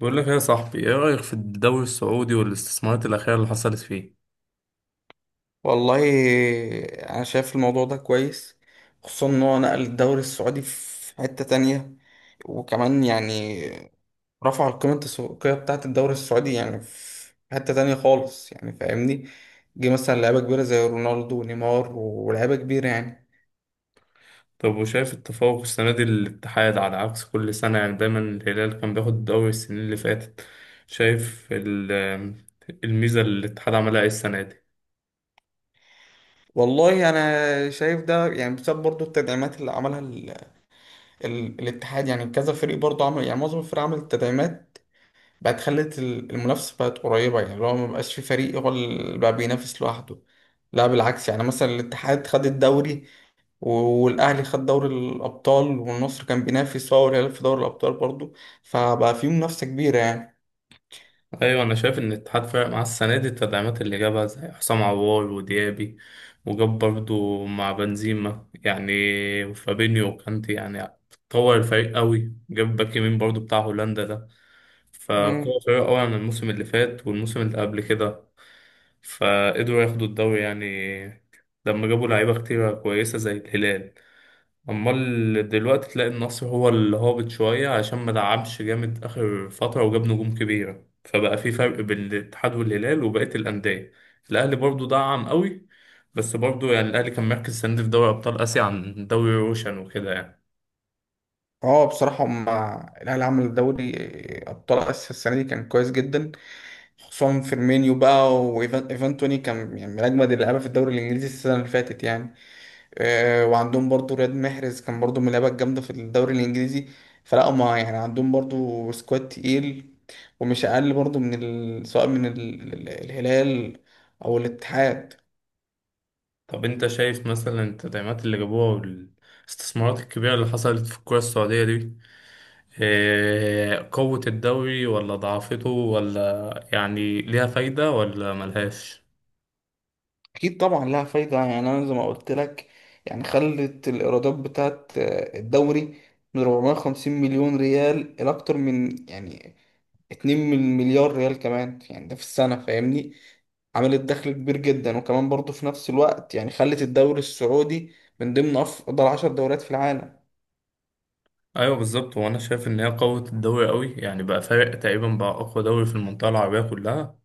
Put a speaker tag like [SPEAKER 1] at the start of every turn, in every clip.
[SPEAKER 1] بقول لك يا صاحبي، ايه رأيك في الدوري السعودي والاستثمارات الأخيرة اللي حصلت فيه؟
[SPEAKER 2] والله، انا شايف الموضوع ده كويس. خصوصا ان هو نقل الدوري السعودي في حتة تانية. وكمان يعني رفع القيمة التسويقية بتاعة الدوري السعودي يعني في حتة تانية خالص يعني فاهمني. جه مثلا لعيبة كبيرة زي رونالدو ونيمار ولعيبة كبيرة يعني.
[SPEAKER 1] طب وشايف التفوق السنة دي للاتحاد على عكس كل سنة؟ يعني دايما الهلال كان بياخد الدوري السنين اللي فاتت. شايف الميزة اللي الاتحاد عملها ايه السنة دي؟
[SPEAKER 2] والله انا شايف ده يعني بسبب برضو التدعيمات اللي عملها الاتحاد. يعني كذا فريق برضو عمل، يعني معظم الفرق عمل التدعيمات. بقت خلت المنافسة بقت قريبة، يعني لو ما بقاش في فريق هو اللي بقى بينافس لوحده. لا بالعكس، يعني مثلا الاتحاد خد الدوري، والأهلي خد دوري الأبطال، والنصر كان بينافس هو والهلال في دوري الأبطال برضو. فبقى في منافسة كبيرة يعني.
[SPEAKER 1] ايوه، انا شايف ان الاتحاد فرق معاه السنة دي التدعيمات اللي جابها زي حسام عوار وديابي، وجاب برضه مع بنزيما يعني، وفابينيو وكانتي يعني. طور الفريق قوي، جاب باك يمين برضه بتاع هولندا ده، فقوة
[SPEAKER 2] مم.
[SPEAKER 1] قوية أوي عن الموسم اللي فات والموسم اللي قبل كده. فقدروا ياخدوا الدوري يعني لما جابوا لعيبة كتيرة كويسة زي الهلال. أمال دلوقتي تلاقي النصر هو اللي هابط شوية عشان ما دعمش جامد آخر فترة وجاب نجوم كبيرة، فبقى في فرق بين الاتحاد والهلال وبقية الأندية. الأهلي برضو دعم قوي، بس برضو يعني الأهلي كان مركز السنة دي في دوري أبطال آسيا عن دوري روشن وكده يعني.
[SPEAKER 2] اه، بصراحة مع الأهلي، عمل دوري أبطال آسيا السنة دي كان كويس جدا. خصوصا فيرمينيو بقى، وإيفان توني كان يعني من أجمد اللعيبة في الدوري الإنجليزي السنة اللي فاتت يعني. وعندهم برضو رياض محرز كان برضو من اللعيبه الجامده في الدوري الانجليزي. فلا هما يعني عندهم برضو سكواد تقيل، ومش اقل برضو من سواء من الهلال او الاتحاد.
[SPEAKER 1] طب انت شايف مثلا التدعيمات اللي جابوها والاستثمارات الكبيرة اللي حصلت في الكرة السعودية دي، اه، قوت الدوري ولا ضعفته، ولا يعني ليها فايدة ولا ملهاش؟
[SPEAKER 2] اكيد طبعا لها فايده، يعني انا زي ما قلت لك. يعني خلت الايرادات بتاعت الدوري من 450 مليون ريال الى اكتر من يعني 2 مليار ريال كمان، يعني ده في السنة فاهمني. عملت دخل كبير جدا، وكمان برضه في نفس الوقت يعني خلت الدوري السعودي من ضمن أفضل 10 دوريات في العالم.
[SPEAKER 1] ايوه بالظبط، وانا شايف ان هي قوت الدوري قوي، يعني بقى فارق تقريبا، بقى اقوى دوري في المنطقة العربية كلها.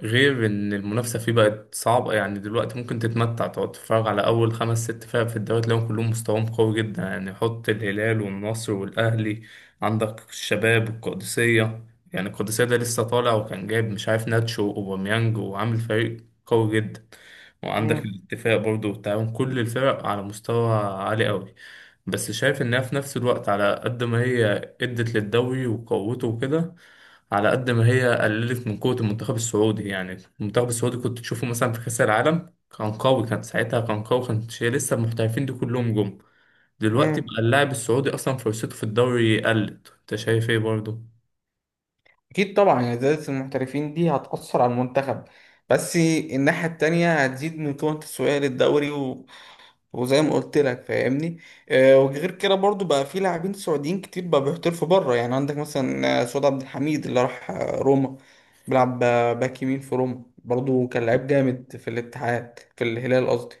[SPEAKER 1] غير ان المنافسه فيه بقت صعبه، يعني دلوقتي ممكن تتمتع تقعد تتفرج على اول خمس ست فرق في الدوري تلاقيهم كلهم مستواهم قوي جدا، يعني حط الهلال والنصر والاهلي، عندك الشباب والقادسيه. يعني القادسيه ده لسه طالع وكان جايب مش عارف ناتشو واوباميانج، وعامل فريق قوي جدا. وعندك
[SPEAKER 2] مم.
[SPEAKER 1] الاتفاق برضه والتعاون، كل الفرق على مستوى عالي قوي. بس شايف انها في نفس الوقت على قد ما هي ادت للدوري وقوته وكده، على قد ما هي قللت من قوة المنتخب السعودي. يعني المنتخب السعودي كنت تشوفه مثلا في كأس العالم كان قوي، كان ساعتها كان قوي، كان شيء لسه المحترفين دي كلهم جم. دلوقتي
[SPEAKER 2] مم.
[SPEAKER 1] بقى اللاعب السعودي أصلا فرصته في الدوري قلت، أنت شايف إيه برضه؟
[SPEAKER 2] أكيد طبعا يعني زيادة المحترفين دي هتأثر على المنتخب، بس الناحية التانية هتزيد من قيمة التسويقية للدوري، وزي ما قلت لك فاهمني. وغير كده برضو بقى في لاعبين سعوديين كتير بقى بيحترفوا بره، يعني عندك مثلا سعود عبد الحميد اللي راح روما. بيلعب باك يمين في روما برضو. كان لعيب جامد في الاتحاد، في الهلال قصدي.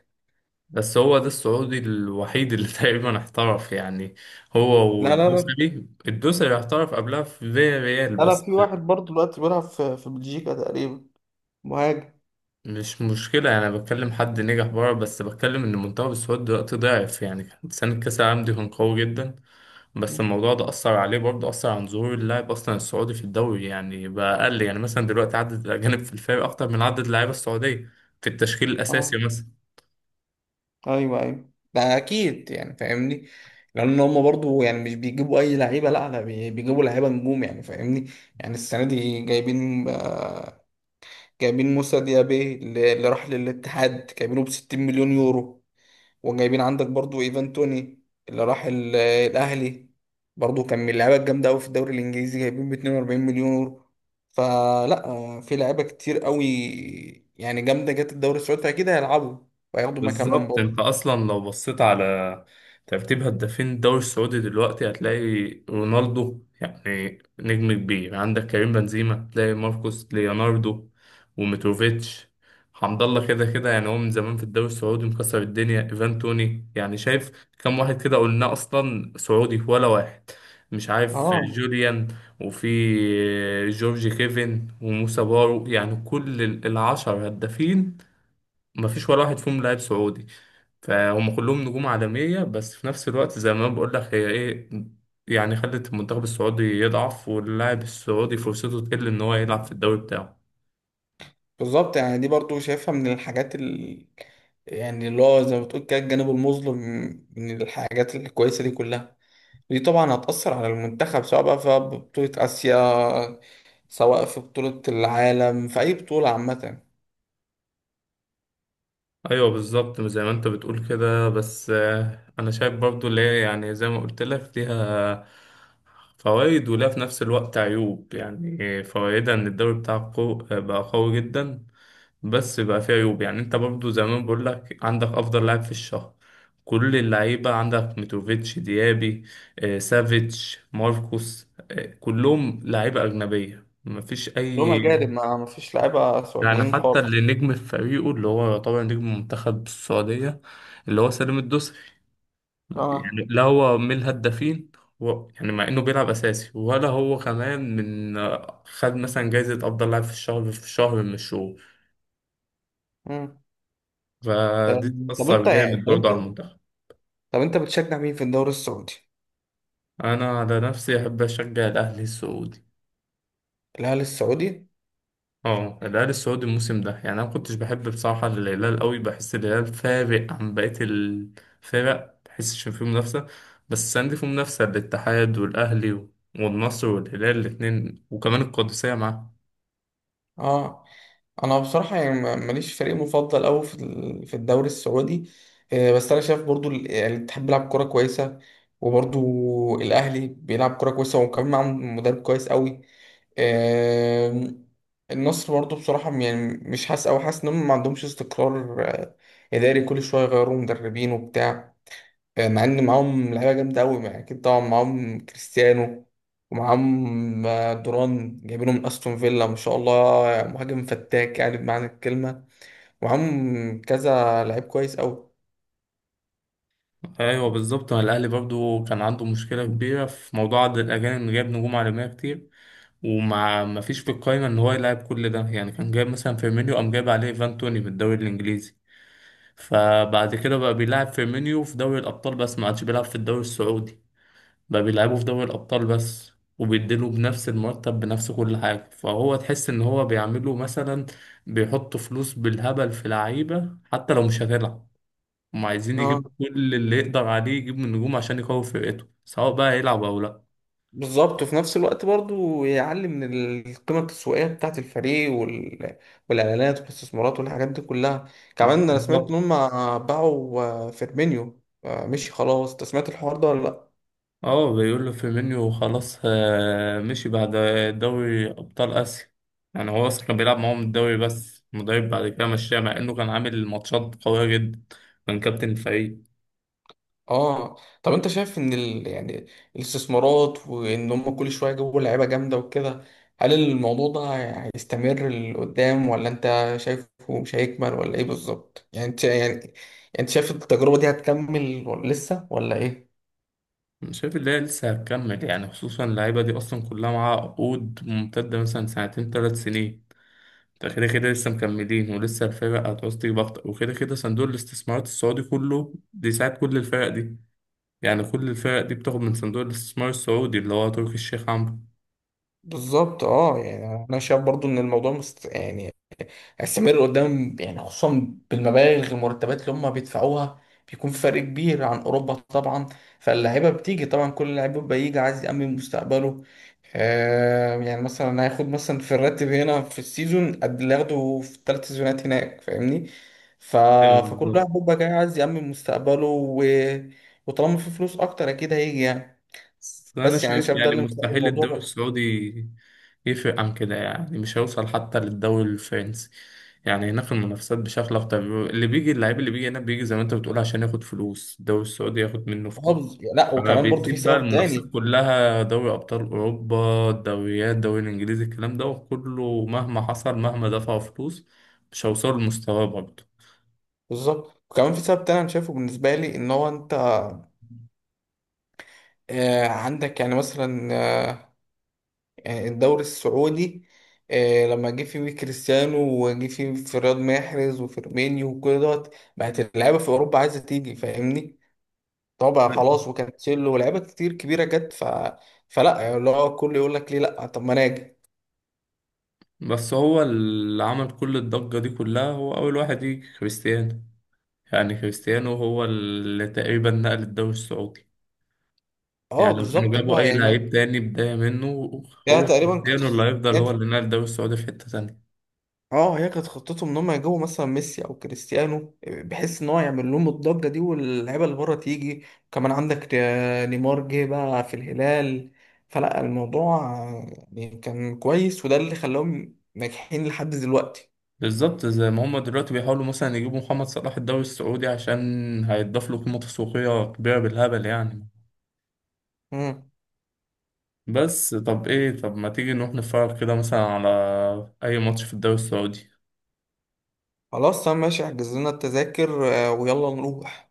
[SPEAKER 1] بس هو ده السعودي الوحيد اللي تقريبا احترف يعني، هو
[SPEAKER 2] لا لا لا،
[SPEAKER 1] والدوسري. الدوسري احترف قبلها في فيا ريال
[SPEAKER 2] لا لا،
[SPEAKER 1] بس.
[SPEAKER 2] في واحد برضو دلوقتي بيلعب في بلجيكا تقريبا. مهاجم.
[SPEAKER 1] مش مشكلة، أنا بتكلم حد نجح بره، بس بتكلم إن المنتخب السعودي دلوقتي ضعف، يعني كان سنة كأس العالم دي كان قوي جدا. بس الموضوع ده أثر عليه برضه، أثر عن ظهور اللاعب أصلا السعودي في الدوري، يعني بقى أقل. يعني مثلا دلوقتي عدد الأجانب في الفريق أكتر من عدد اللعيبة السعودية في التشكيل الأساسي
[SPEAKER 2] اه،
[SPEAKER 1] مثلا.
[SPEAKER 2] ايوه، ايوه، ده اكيد يعني فاهمني. لان هم برضو يعني مش بيجيبوا اي لعيبه، لا لا، بيجيبوا لعيبه نجوم يعني فاهمني. يعني السنه دي جايبين، جايبين موسى ديابي اللي راح للاتحاد جايبينه ب 60 مليون يورو. وجايبين عندك برضو ايفان توني اللي راح الاهلي، برضو كان من اللعيبه الجامده قوي في الدوري الانجليزي، جايبين ب 42 مليون يورو. فلا في لعيبه كتير قوي يعني جامده جت الدوري السعودي، اكيد هيلعبوا وهياخدوا مكانهم
[SPEAKER 1] بالظبط،
[SPEAKER 2] برضو.
[SPEAKER 1] انت اصلا لو بصيت على ترتيب هدافين الدوري السعودي دلوقتي هتلاقي رونالدو، يعني نجم كبير، يعني عندك كريم بنزيما، تلاقي ماركوس ليوناردو وميتروفيتش، حمد الله كده كده يعني هو من زمان في الدوري السعودي مكسر الدنيا، ايفان توني. يعني شايف كم واحد كده قلنا اصلا سعودي؟ ولا واحد. مش عارف
[SPEAKER 2] اه،
[SPEAKER 1] جوليان، وفي جورج كيفن وموسى بارو. يعني كل 10 هدافين مفيش ولا واحد فيهم لاعب سعودي. فهم كلهم نجوم عالمية، بس في نفس الوقت زي ما بقول لك هي ايه، يعني خلت المنتخب السعودي يضعف واللاعب السعودي فرصته تقل ان هو يلعب في الدوري بتاعه.
[SPEAKER 2] بالظبط. يعني دي برضو شايفها من الحاجات يعني اللي هو زي ما بتقول كده الجانب المظلم من الحاجات الكويسه دي كلها. دي طبعا هتأثر على المنتخب، سواء بقى في بطولة آسيا، سواء في بطولة العالم، في أي بطولة عامة.
[SPEAKER 1] ايوه بالظبط زي ما انت بتقول كده، بس آه، انا شايف برضو اللي هي يعني زي ما قلت لك ليها فوائد، ولها في نفس الوقت عيوب. يعني فوائدها ان الدوري بتاعك بقى قوي جدا، بس بقى فيه عيوب. يعني انت برضو زمان بقول لك عندك افضل لاعب في الشهر، كل اللعيبه عندك ميتروفيتش، ديابي، آه، سافيتش، ماركوس، آه، كلهم لعيبه اجنبيه، مفيش
[SPEAKER 2] كلهم
[SPEAKER 1] اي.
[SPEAKER 2] أجانب، ما فيش لعيبة
[SPEAKER 1] يعني
[SPEAKER 2] سعوديين
[SPEAKER 1] حتى
[SPEAKER 2] خالص.
[SPEAKER 1] اللي نجم في فريقه، اللي هو طبعا نجم منتخب السعودية، اللي هو سالم الدوسري،
[SPEAKER 2] اه.
[SPEAKER 1] يعني لا هو من الهدافين، و... يعني مع انه بيلعب اساسي، ولا هو كمان من خد مثلا جايزة افضل لاعب في الشهر في شهر من الشهور.
[SPEAKER 2] مم.
[SPEAKER 1] فدي
[SPEAKER 2] طب
[SPEAKER 1] تأثر
[SPEAKER 2] أنت يعني
[SPEAKER 1] جامد
[SPEAKER 2] طب
[SPEAKER 1] برضه
[SPEAKER 2] أنت
[SPEAKER 1] على المنتخب.
[SPEAKER 2] طب أنت بتشجع مين في الدوري السعودي؟
[SPEAKER 1] انا على نفسي احب اشجع الاهلي السعودي.
[SPEAKER 2] الهلال السعودي؟
[SPEAKER 1] اه، الهلال السعودي الموسم ده، يعني انا ما كنتش بحب بصراحه، الهلال قوي، بحس الهلال فارق عن بقيه الفرق، بحسش ان فيه منافسه. بس السنه دي فيه منافسه، الاتحاد والاهلي والنصر والهلال الاثنين وكمان القادسيه معاه.
[SPEAKER 2] اه، انا بصراحه يعني ماليش فريق مفضل قوي في في الدوري السعودي. بس انا شايف برضو يعني الاتحاد بيلعب كوره كويسه، وبرضو الاهلي بيلعب كوره كويسه، وكمان معاهم مدرب كويس قوي. آم، النصر برضو بصراحه يعني مش حاسس، او حاسس انهم ما عندهمش استقرار اداري كل شويه يغيروا مدربين وبتاع. مع ان معاهم لعيبه جامده قوي، يعني اكيد طبعا معاهم كريستيانو، ومعاهم دوران جايبينه من استون فيلا ما شاء الله. مهاجم فتاك يعني بمعنى الكلمه. ومعاهم كذا لعيب كويس قوي.
[SPEAKER 1] ايوه بالظبط، ما الاهلي برضو كان عنده مشكله كبيره في موضوع عدد الاجانب، جاب نجوم عالميه كتير وما ما فيش في القايمه ان هو يلعب كل ده. يعني كان جايب مثلا فيرمينيو، قام جايب عليه ايفان توني من الدوري الانجليزي، فبعد كده بقى بيلعب فيرمينيو في دوري الأبطال بس، ما عادش بيلعب في الدوري السعودي، بقى بيلعبه في دوري الأبطال بس. وبيديله بنفس المرتب، بنفس كل حاجة، فهو تحس إن هو بيعمله مثلا، بيحط فلوس بالهبل في لعيبة حتى لو مش هتلعب. هم عايزين
[SPEAKER 2] اه،
[SPEAKER 1] يجيبوا كل اللي يقدر عليه يجيب من نجوم عشان يقوي فرقته، سواء بقى هيلعب أو لأ.
[SPEAKER 2] بالظبط. وفي نفس الوقت برضو يعلي من القيمة التسويقية بتاعة الفريق والإعلانات والاستثمارات والحاجات دي كلها. كمان أنا سمعت إن
[SPEAKER 1] بالظبط.
[SPEAKER 2] هم باعوا فيرمينيو، مشي خلاص. أنت سمعت الحوار ده ولا لأ؟
[SPEAKER 1] اه، بيقول له فيرمينيو خلاص آه، مشي بعد دوري ابطال اسيا. يعني هو اصلا كان بيلعب معاهم الدوري، بس المدرب بعد كده مشاه، مع انه كان عامل ماتشات قويه جدا، كان كابتن الفريق.
[SPEAKER 2] اه. طب انت شايف ان يعني الاستثمارات وان هم كل شويه يجيبوا لعيبه جامده وكده، هل الموضوع ده هيستمر لقدام، ولا انت شايفه مش هيكمل، ولا ايه بالظبط يعني؟ انت يعني انت شايف التجربه دي هتكمل ولا لسه، ولا ايه
[SPEAKER 1] أنا شايف ان هي لسه هتكمل، يعني خصوصا اللعيبه دي اصلا كلها معاها عقود ممتده، مثلا سنتين 3 سنين، ده كده كده لسه مكملين، ولسه الفرق هتعوز تجيب اكتر، وكده كده صندوق الاستثمارات السعودي كله بيساعد كل الفرق دي. يعني كل الفرق دي بتاخد من صندوق الاستثمار السعودي اللي هو تركي الشيخ عمرو.
[SPEAKER 2] بالظبط؟ اه، يعني انا شايف برضو ان الموضوع يعني هيستمر قدام، يعني خصوصا بالمبالغ، المرتبات اللي هم بيدفعوها بيكون في فرق كبير عن اوروبا طبعا. فاللعيبه بتيجي طبعا، كل لعيب بيبقى يجي عايز يأمن مستقبله. يعني مثلا هياخد مثلا في الراتب هنا في السيزون قد اللي ياخده في ال 3 سيزونات هناك فاهمني. ف...
[SPEAKER 1] ايوه
[SPEAKER 2] فكل واحد
[SPEAKER 1] بالظبط.
[SPEAKER 2] بيبقى جاي عايز يأمن مستقبله وطالما في فلوس اكتر اكيد هيجي يعني.
[SPEAKER 1] بس أنا
[SPEAKER 2] بس يعني
[SPEAKER 1] شايف
[SPEAKER 2] شايف ده
[SPEAKER 1] يعني
[SPEAKER 2] اللي مخلي
[SPEAKER 1] مستحيل الدوري
[SPEAKER 2] الموضوع
[SPEAKER 1] السعودي يفرق عن كده، يعني مش هيوصل حتى للدوري الفرنسي. يعني هناك المنافسات بشكل أكتر، اللي بيجي اللعيب اللي بيجي هنا بيجي زي ما أنت بتقول عشان ياخد فلوس، الدوري السعودي ياخد منه فلوس،
[SPEAKER 2] حافظ. لا،
[SPEAKER 1] أما
[SPEAKER 2] وكمان برضه في
[SPEAKER 1] بيسيب بقى
[SPEAKER 2] سبب
[SPEAKER 1] المنافسات
[SPEAKER 2] تاني.
[SPEAKER 1] كلها، دوري أبطال أوروبا، الدوريات، الدوري الإنجليزي، الكلام ده وكله مهما حصل مهما دفعوا فلوس مش هيوصلوا لمستواه برضه.
[SPEAKER 2] بالظبط، وكمان في سبب تاني انا شايفه بالنسبه لي ان هو انت عندك يعني مثلا، يعني الدوري السعودي، لما جه فيه كريستيانو، وجه فيه فراد محرز وفيرمينيو وكل دوت، بقت اللعيبه في اوروبا عايزه تيجي فاهمني. طبعا خلاص، وكانسيلو ولاعيبه كتير كبيره جت فلا يعني اللي هو الكل يقول لك ليه لا طب ما انا اجي.
[SPEAKER 1] بس هو اللي عمل كل الضجة دي كلها هو أول واحد يجي، كريستيانو. يعني كريستيانو هو اللي تقريبا نقل الدوري السعودي،
[SPEAKER 2] اه،
[SPEAKER 1] يعني لو كانوا
[SPEAKER 2] بالظبط
[SPEAKER 1] جابوا
[SPEAKER 2] بقى
[SPEAKER 1] أي
[SPEAKER 2] يعني.
[SPEAKER 1] لعيب تاني بداية منه،
[SPEAKER 2] هي
[SPEAKER 1] هو
[SPEAKER 2] تقريبا كانت،
[SPEAKER 1] كريستيانو اللي هيفضل هو اللي نقل الدوري السعودي في حتة تانية.
[SPEAKER 2] اه، هي كانت خطتهم ان هم يجيبوا مثلا ميسي او كريستيانو، بحيث ان هو يعمل لهم الضجه دي واللعيبه اللي بره تيجي. كمان عندك نيمار جه بقى في الهلال. فلا الموضوع يعني كان كويس، وده اللي خلاهم ناجحين لحد دلوقتي.
[SPEAKER 1] بالظبط زي ما هما دلوقتي بيحاولوا مثلا يجيبوا محمد صلاح الدوري السعودي عشان هيضاف له قيمة تسويقية كبيرة بالهبل يعني.
[SPEAKER 2] مم.
[SPEAKER 1] بس طب ايه، طب ما تيجي نروح نتفرج كده مثلا على أي ماتش في الدوري السعودي.
[SPEAKER 2] خلاص تمام ماشي، احجز لنا التذاكر، ويلا نروح.